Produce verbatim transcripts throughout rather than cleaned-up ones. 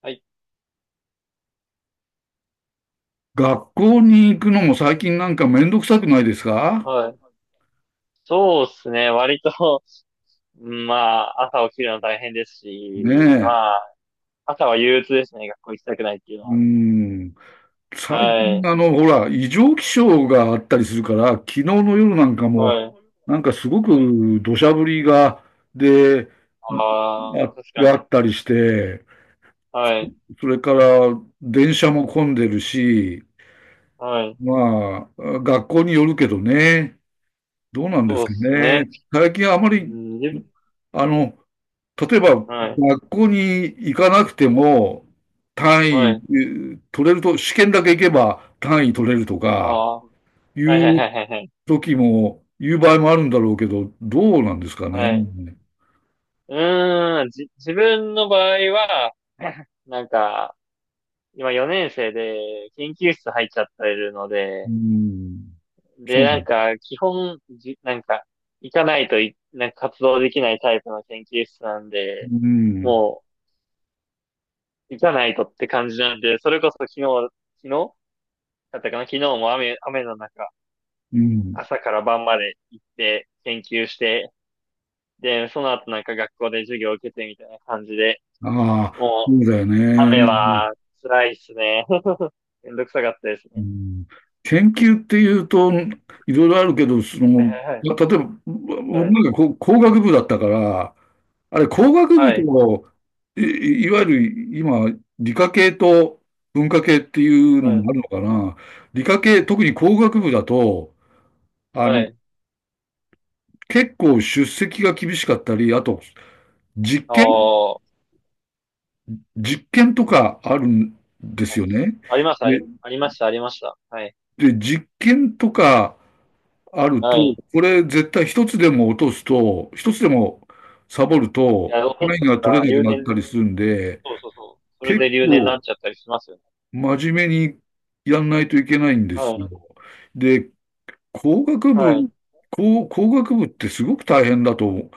はい。学校に行くのも最近なんかめんどくさくないですかはい。そうですね。割と、うんまあ、朝起きるの大変ですねし、まえ。あ、朝は憂鬱ですね。学校行きたくないっていうのうは。ん。最は近、い。あの、ほら、異常気象があったりするから、昨日の夜なんかも、はい。なんかすごく土砂降りが、で、ああ、あ、確かがあに。ったりして、はい。それから電車も混んでるし、はい。まあ、学校によるけどね。どうなんですそうかですね。ね。最近あまうり、ん、じあの、例えば、はい。学校に行かなくても、単位はえい。ー取れると、試験だけ行けば単位取れるとあか、あ、はいいはいはういはいはい。時も、いう場合もあるんだろうけど、どうなんですかはね。い。うーん、じ、自分の場合は、なんか、今よねん生で研究室入っちゃってるのうで、ん。そで、うななんんだ。か、基本、じ、なんか、行かないとい、なんか活動できないタイプの研究室なんで、うん。もう、行かないとって感じなんで、それこそ昨日、昨日だったかな、昨日も雨、雨の中、うん。朝から晩まで行って研究して、で、その後なんか学校で授業を受けてみたいな感じで、ああ、もそうう、だよ雨ね。は辛いっすね。めんどくさかったですうね。ん、研究っていうといろいろあるけど、そはの、いはいはい。ま例えば、僕なはんか工工学部だったから、あれ工学部い。と、い、いわゆる今、理科系と文化系っていうのはい。はもあるい。のかな。理科系、特に工学部だと、あはい。の、はい。結構出席が厳しかったり、あと、実あ験、ー実験とかあるんであ、すよね。あります、あで、り、ありました、ありました。はい。で、実験とかあるはと、い。これ絶対一つでも落とすと、一つでもサボるいや、と、残っラインがた取られなく留なった年、りするんで、そうそうそう。それ結で留年になっ構ちゃったりしますよね。真面目にやんないといけないんではすよ。い。で、工学はい。部、工、工学部ってすごく大変だと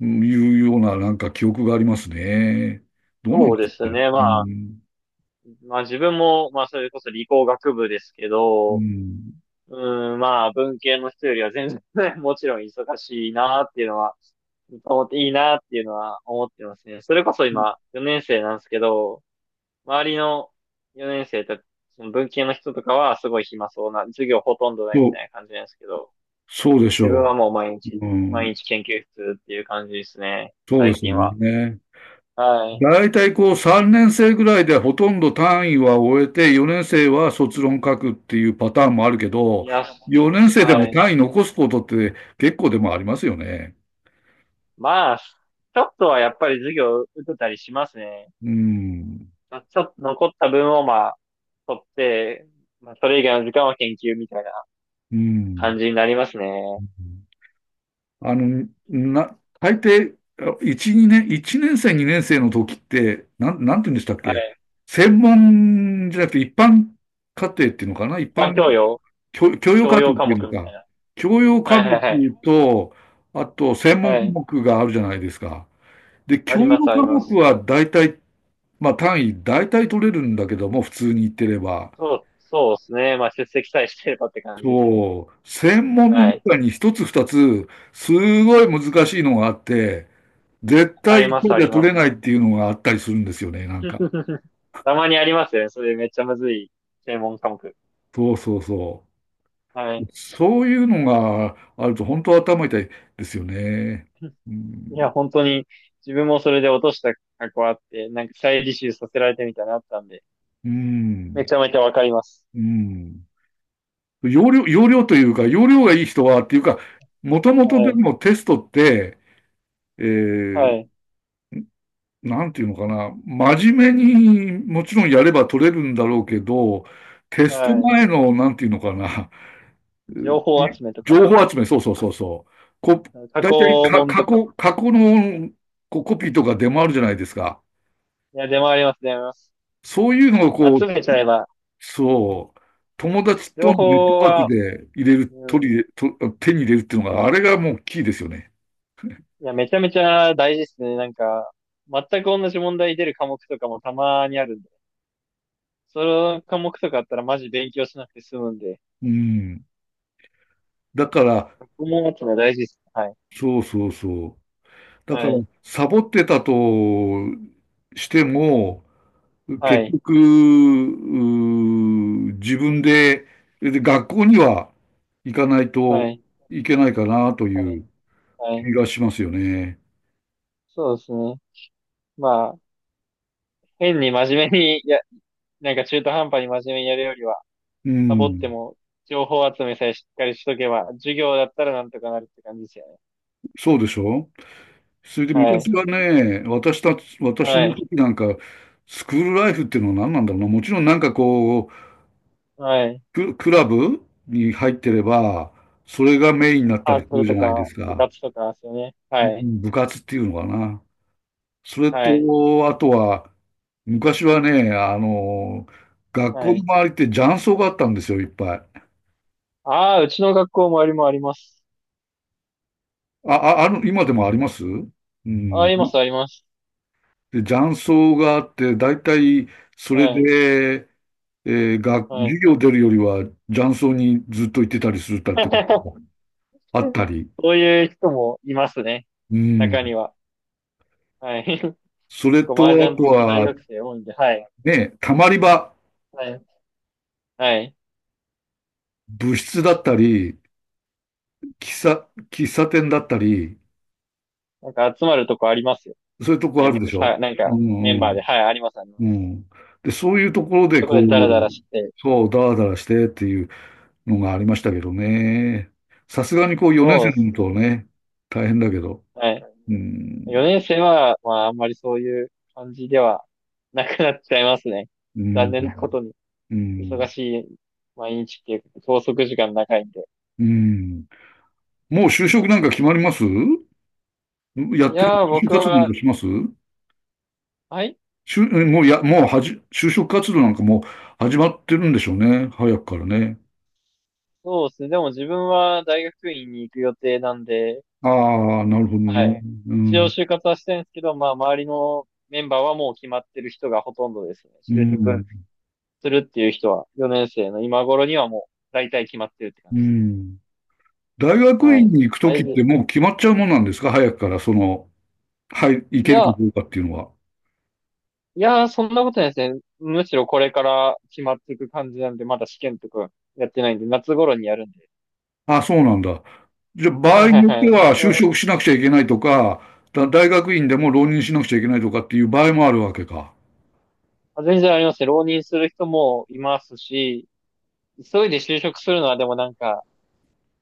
いうようななんか記憶がありますね。どうなんそうでですすかね。ね。まうあ、ん、まあ自分も、まあそれこそ理工学部ですけうど、ん、うん、まあ文系の人よりは全然 もちろん忙しいなっていうのは、思っていいなっていうのは思ってますね。それこそ今、よねん生なんですけど、周りのよねん生たち、その文系の人とかはすごい暇そうな、授業ほとんどないみたと、いな感じなんですけど、そうでし自ょ分はもう毎う。日、うん、毎日研究室っていう感じですね、そうで最すよ近は。ね。はい。大体こうさんねん生ぐらいでほとんど単位は終えて、よねん生は卒論書くっていうパターンもあるけいど、や、よねん生でもはい。単位残すことって結構でもありますよね。まあ、ちょっとはやっぱり授業受けたりしますね。うん。まあちょっと残った分をまあ、取って、まあ、それ以外の時間は研究みたいなうん。感じになりますね。あの、な、大抵、いち、にねん、いちねん生、にねん生の時って、なん、なんて言うんでしたっはけ。い。専門じゃなくて一般課程っていうのかな一一般教般養、教教養教科目養っ科てい目うんですみたいか。な。教養は科い目はいはい。と、あと専門は科い。目があるじゃないですか。で、あ教りま養すあり科ま目す。は大体、まあ単位大体取れるんだけども、普通に言ってれば。そう、そうですね。まあ、出席さえしてればって感じですね。そう、専門のはい。中に一つ二つ、すごい難しいのがあって、絶あ対り一ます、回あじゃり取まれないっていうのがあったりするんですよね、なす。んか。たまにありますよね。それめっちゃむずい専門科目。そうそうそはう。い。そういうのがあると本当頭痛いですよね。ういん。や、本当に自分もそれで落とした過去あって、なんか再履修させられてみたいなのあったんで、うめんちゃめちゃわかります。うん。容量、容量というか、容量がいい人はっていうか、もともとはでい。もテストって、えはー、い。なんていうのかな、真面目にもちろんやれば取れるんだろうけど、テストは前の、なんていうのかな、い。情報い集めとか、情報集め、そうそうそうそう。こ、過去大体か、問と過か。去、過去のこうコピーとか出回るじゃないですか。いや、出回ります、出回ります。そういうのをこ集う、めちゃえば、そう。友達情とのネッ報トワークは、で入れる、う取ん、り入れ、と、手に入れるっていうのが、あれがもうキーですよね。いや、めちゃめちゃ大事ですね。なんか、全く同じ問題出る科目とかもたまにあるんで。その科目とかあったらマジ勉強しなくて済むんで。うん。だから、そこも持つの大事です。はい。そうそうそう。だかはら、い。サボってたとしても、は結い。局、うー自分で、で学校には行かないはとい。いけないかなとはいい。うはい。気がしますよね。そうですね。まあ、変に真面目に、いや、なんか中途半端に真面目にやるよりは、うサボってん。も、情報集めさえしっかりしとけば、授業だったらなんとかなるって感じですよね。そうでしょそれでは昔い。はね、私たち、私はのい。時なんか、スクールライフっていうのは何なんだろうな。もちろんなんかこう、はい。ク、クラブに入ってれば、それがメインになったサーりすクるルじとゃないでか、す部か。活とかですよね。うはい。ん、部活っていうのかな。それはい。と、あとは、昔はね、あの、学は校のい。周りって雀荘があったんですよ、いっぱい。ああ、うちの学校もありもあります。あ、あ、ある、今でもありますうあん。います、あります、で、雀荘があって、だいたいそれはい、で、えー、が、は授い。業出るよりは雀荘にずっと行ってたりするたってこと もあったり、そういう人もいますね。う中ん。には。はい。そ結れ構と、麻あ雀と好き大学は、生多いんで、はい。ね、たまり場、はい。はい。部室だったり、喫茶、喫茶店だったり、なんか集まるとこありますよ。そういうとこメあるン、でしさ、ょなんうかメんンうバーで、ん。はい、あります、ありまうす。ん。で、そういうところそういうで、とここでダラダラう、して。そう、ダラダラしてっていうのがありましたけどね。さすがにこう、よねん生そうのそ人はとう。ね、大変だけど。はい。うん。よねん生は、まあ、あんまりそういう感じではなくなっちゃいますね。う残ん。念なことに。うん。忙しい毎日っていうか、拘束時間長いんで。うん。もう就職なんか決まりますやいってる、やー、就職僕活動なんは、かしますはい、就もうや、もうはじ、就職活動なんかもう始まってるんでしょうね。早くからね。そうですね。でも自分は大学院に行く予定なんで、ああ、なるほどね。はい。う一応ん、就活はしてるんですけど、まあ、周りのメンバーはもう決まってる人がほとんどですね。う就ん、職するっていう人は、よねん生の今頃にはもう、大体決まってるって感じうですね。ん。大学は院い。に行くだときいっぶ、てもう決まっちゃうもんなんですか早くから、その、はい、行いけるかや、どうかっていうのは。いやー、そんなことないですね。むしろこれから決まっていく感じなんで、まだ試験とかやってないんで、夏頃にやるんで。ああ、そうなんだ。じゃあ、場はい合はにいよってはい。は就そう、職しなくちゃいけないとか、だ大学院でも浪人しなくちゃいけないとかっていう場合もあるわけか。全然ありますね。浪人する人もいますし、急いで就職するのはでもなんか、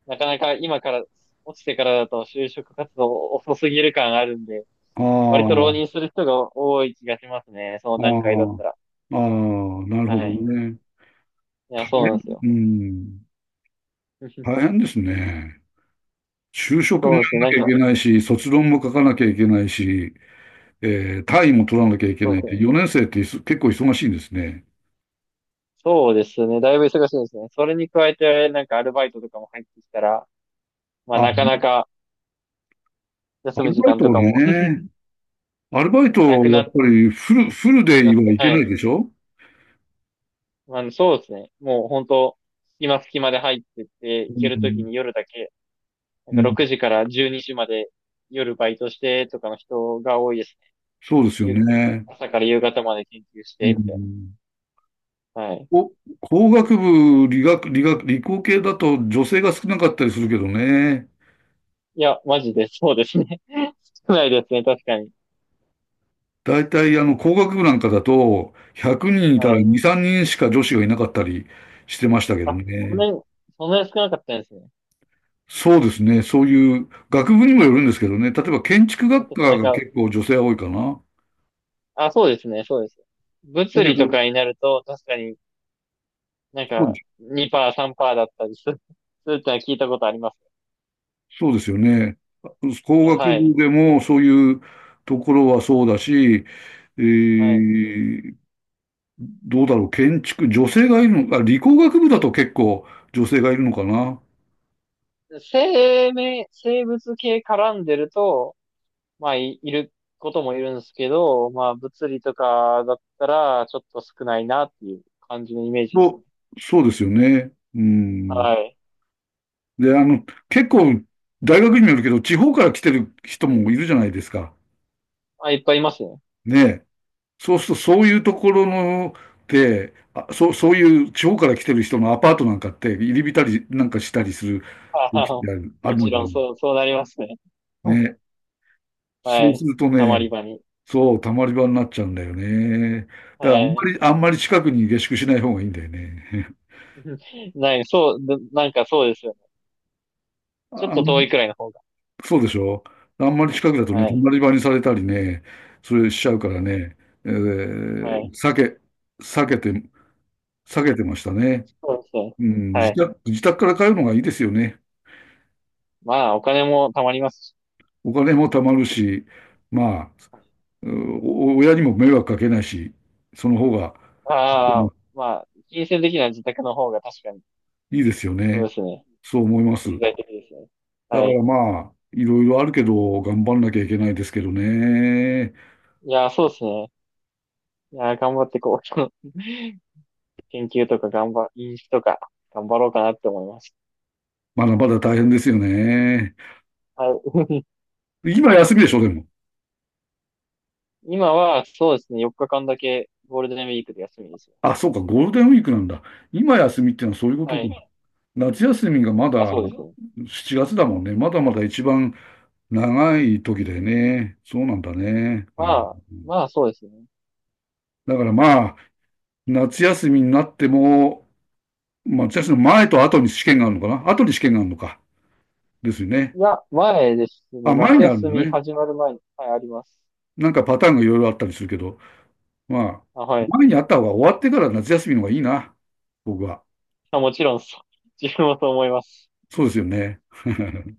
なかなか今から、落ちてからだと就職活動遅すぎる感あるんで、あ割と浪あ、人する人が多い気がしますね。そのああ、段階だったら。ああ、なるはほどい。ね。いや、大そうなんです変、よ。うん、大 変ですね。就職もやそうですんね。ななんきゃいか、けないし、卒論も書かなきゃいけないし、えー単位も取らなきゃいけそなういでっすて、ね。よねん生っていそ結構忙しいんですね。そうですね。だいぶ忙しいですね。それに加えて、なんかアルバイトとかも入ってきたら、まあなかあ、なかア休むル時バイ間とトかも ね。アルバイト、なくやなっっぱりフル、フルてできますはね。いけはない。いでしょあの、そうですね。もう本当、隙間隙間で入ってって、う。行けるときん、に夜だけ、なんうかん、ろくじからじゅうにじまで夜バイトしてとかの人が多いですね。そうですよ昼、ね。朝から夕方まで研究しうて、みたいん、な。はい。お、工学部、理学、理学、理工系だと女性が少なかったりするけどね。いや、マジでそうですね。少ないですね、確かに。大体、あの、工学部なんかだと、ひゃくにんいたはらい。に、さんにんしか女子がいなかったりしてましたけどあ、そんね。なに、そんなに少なかったんですね。そうですね。そういう、学部にもよるんですけどね。例えば、建築学科私、なんがか、結構女性は多いかな。あ、そうですね、そうです。だ物け理とど、かになると、確かになんそうかです、にパーセント、さんパーセントだったりする、するってのは聞いたことあります。そうですよね。工あ、学は部い。でもそういうところはそうだし、えはい。ーどうだろう、建築、女性がいるのか、理工学部だと結構女性がいるのかな。生命、生物系絡んでると、まあ、い、いることもいるんですけど、まあ、物理とかだったら、ちょっと少ないなっていう感じのイメージですね。と、そうですよね。うはん。い。で、あの、結構、大学にもよるけど、地方から来てる人もいるじゃないですか。まあ、いっぱいいますね。ねえ。そうすると、そういうところの、で、あ、そう、そういう地方から来てる人のアパートなんかって、入り浸りなんかしたりする あ時ってあ、あるあもるちのかろん、な。そう、そうなりますね。うん、ね。そはうすい。るとたまね、り場に。そう、たまり場になっちゃうんだよね。だから、あんまはい。り、あんまり近くに下宿しない方がいいんだよね。ない、そう、ななんかそうですよね。ちょっあ、と遠いくらいの方が。そうでしょあんまり近くだとね、はい。隣場にされたりね、それしちゃうからね、えはーい。避け、避けて、避けてましたね。そうですね。うん、は自い。宅、自宅から通うのがいいですよね。まあ、お金もたまりますし、お金も貯まるし、まあ、うん、お親にも迷惑かけないし、その方がうああ、んまあ、金銭的な自宅の方が確かに、いいですよそね。うですね。そう思います。だ経済的ですね。かはい。らまあ、いろいろあるけど、頑張んなきゃいけないですけどね。いやー、そうですね。いやー、頑張ってこう。研究とか頑張、飲酒とか頑張ろうかなって思います。まだまだ大変ですよね。はい。今休みでしょ、でも。今は、そうですね。よっかかんだけゴールデンウィークで休みですよ。あ、そうか、ゴールデンウィークなんだ。今休みってのはそういうこはとい。か。夏休みがまあ、だそうですね。しちがつだもんね。まだまだ一番長い時だよね。そうなんだね。まああ、まあ、そうですね。だからまあ、夏休みになっても、まあ夏休みの前と後に試験があるのかな後に試験があるのか。ですよね。いや、前ですあ、ね。前夏にある休のみね。始まる前に、はい、あります。なんかパターンがいろいろあったりするけど、まあ、あ、はい。前にあった方が終わってから夏休みの方がいいな。僕は。あ、もちろんそう、自分もそう思います。そうですよね。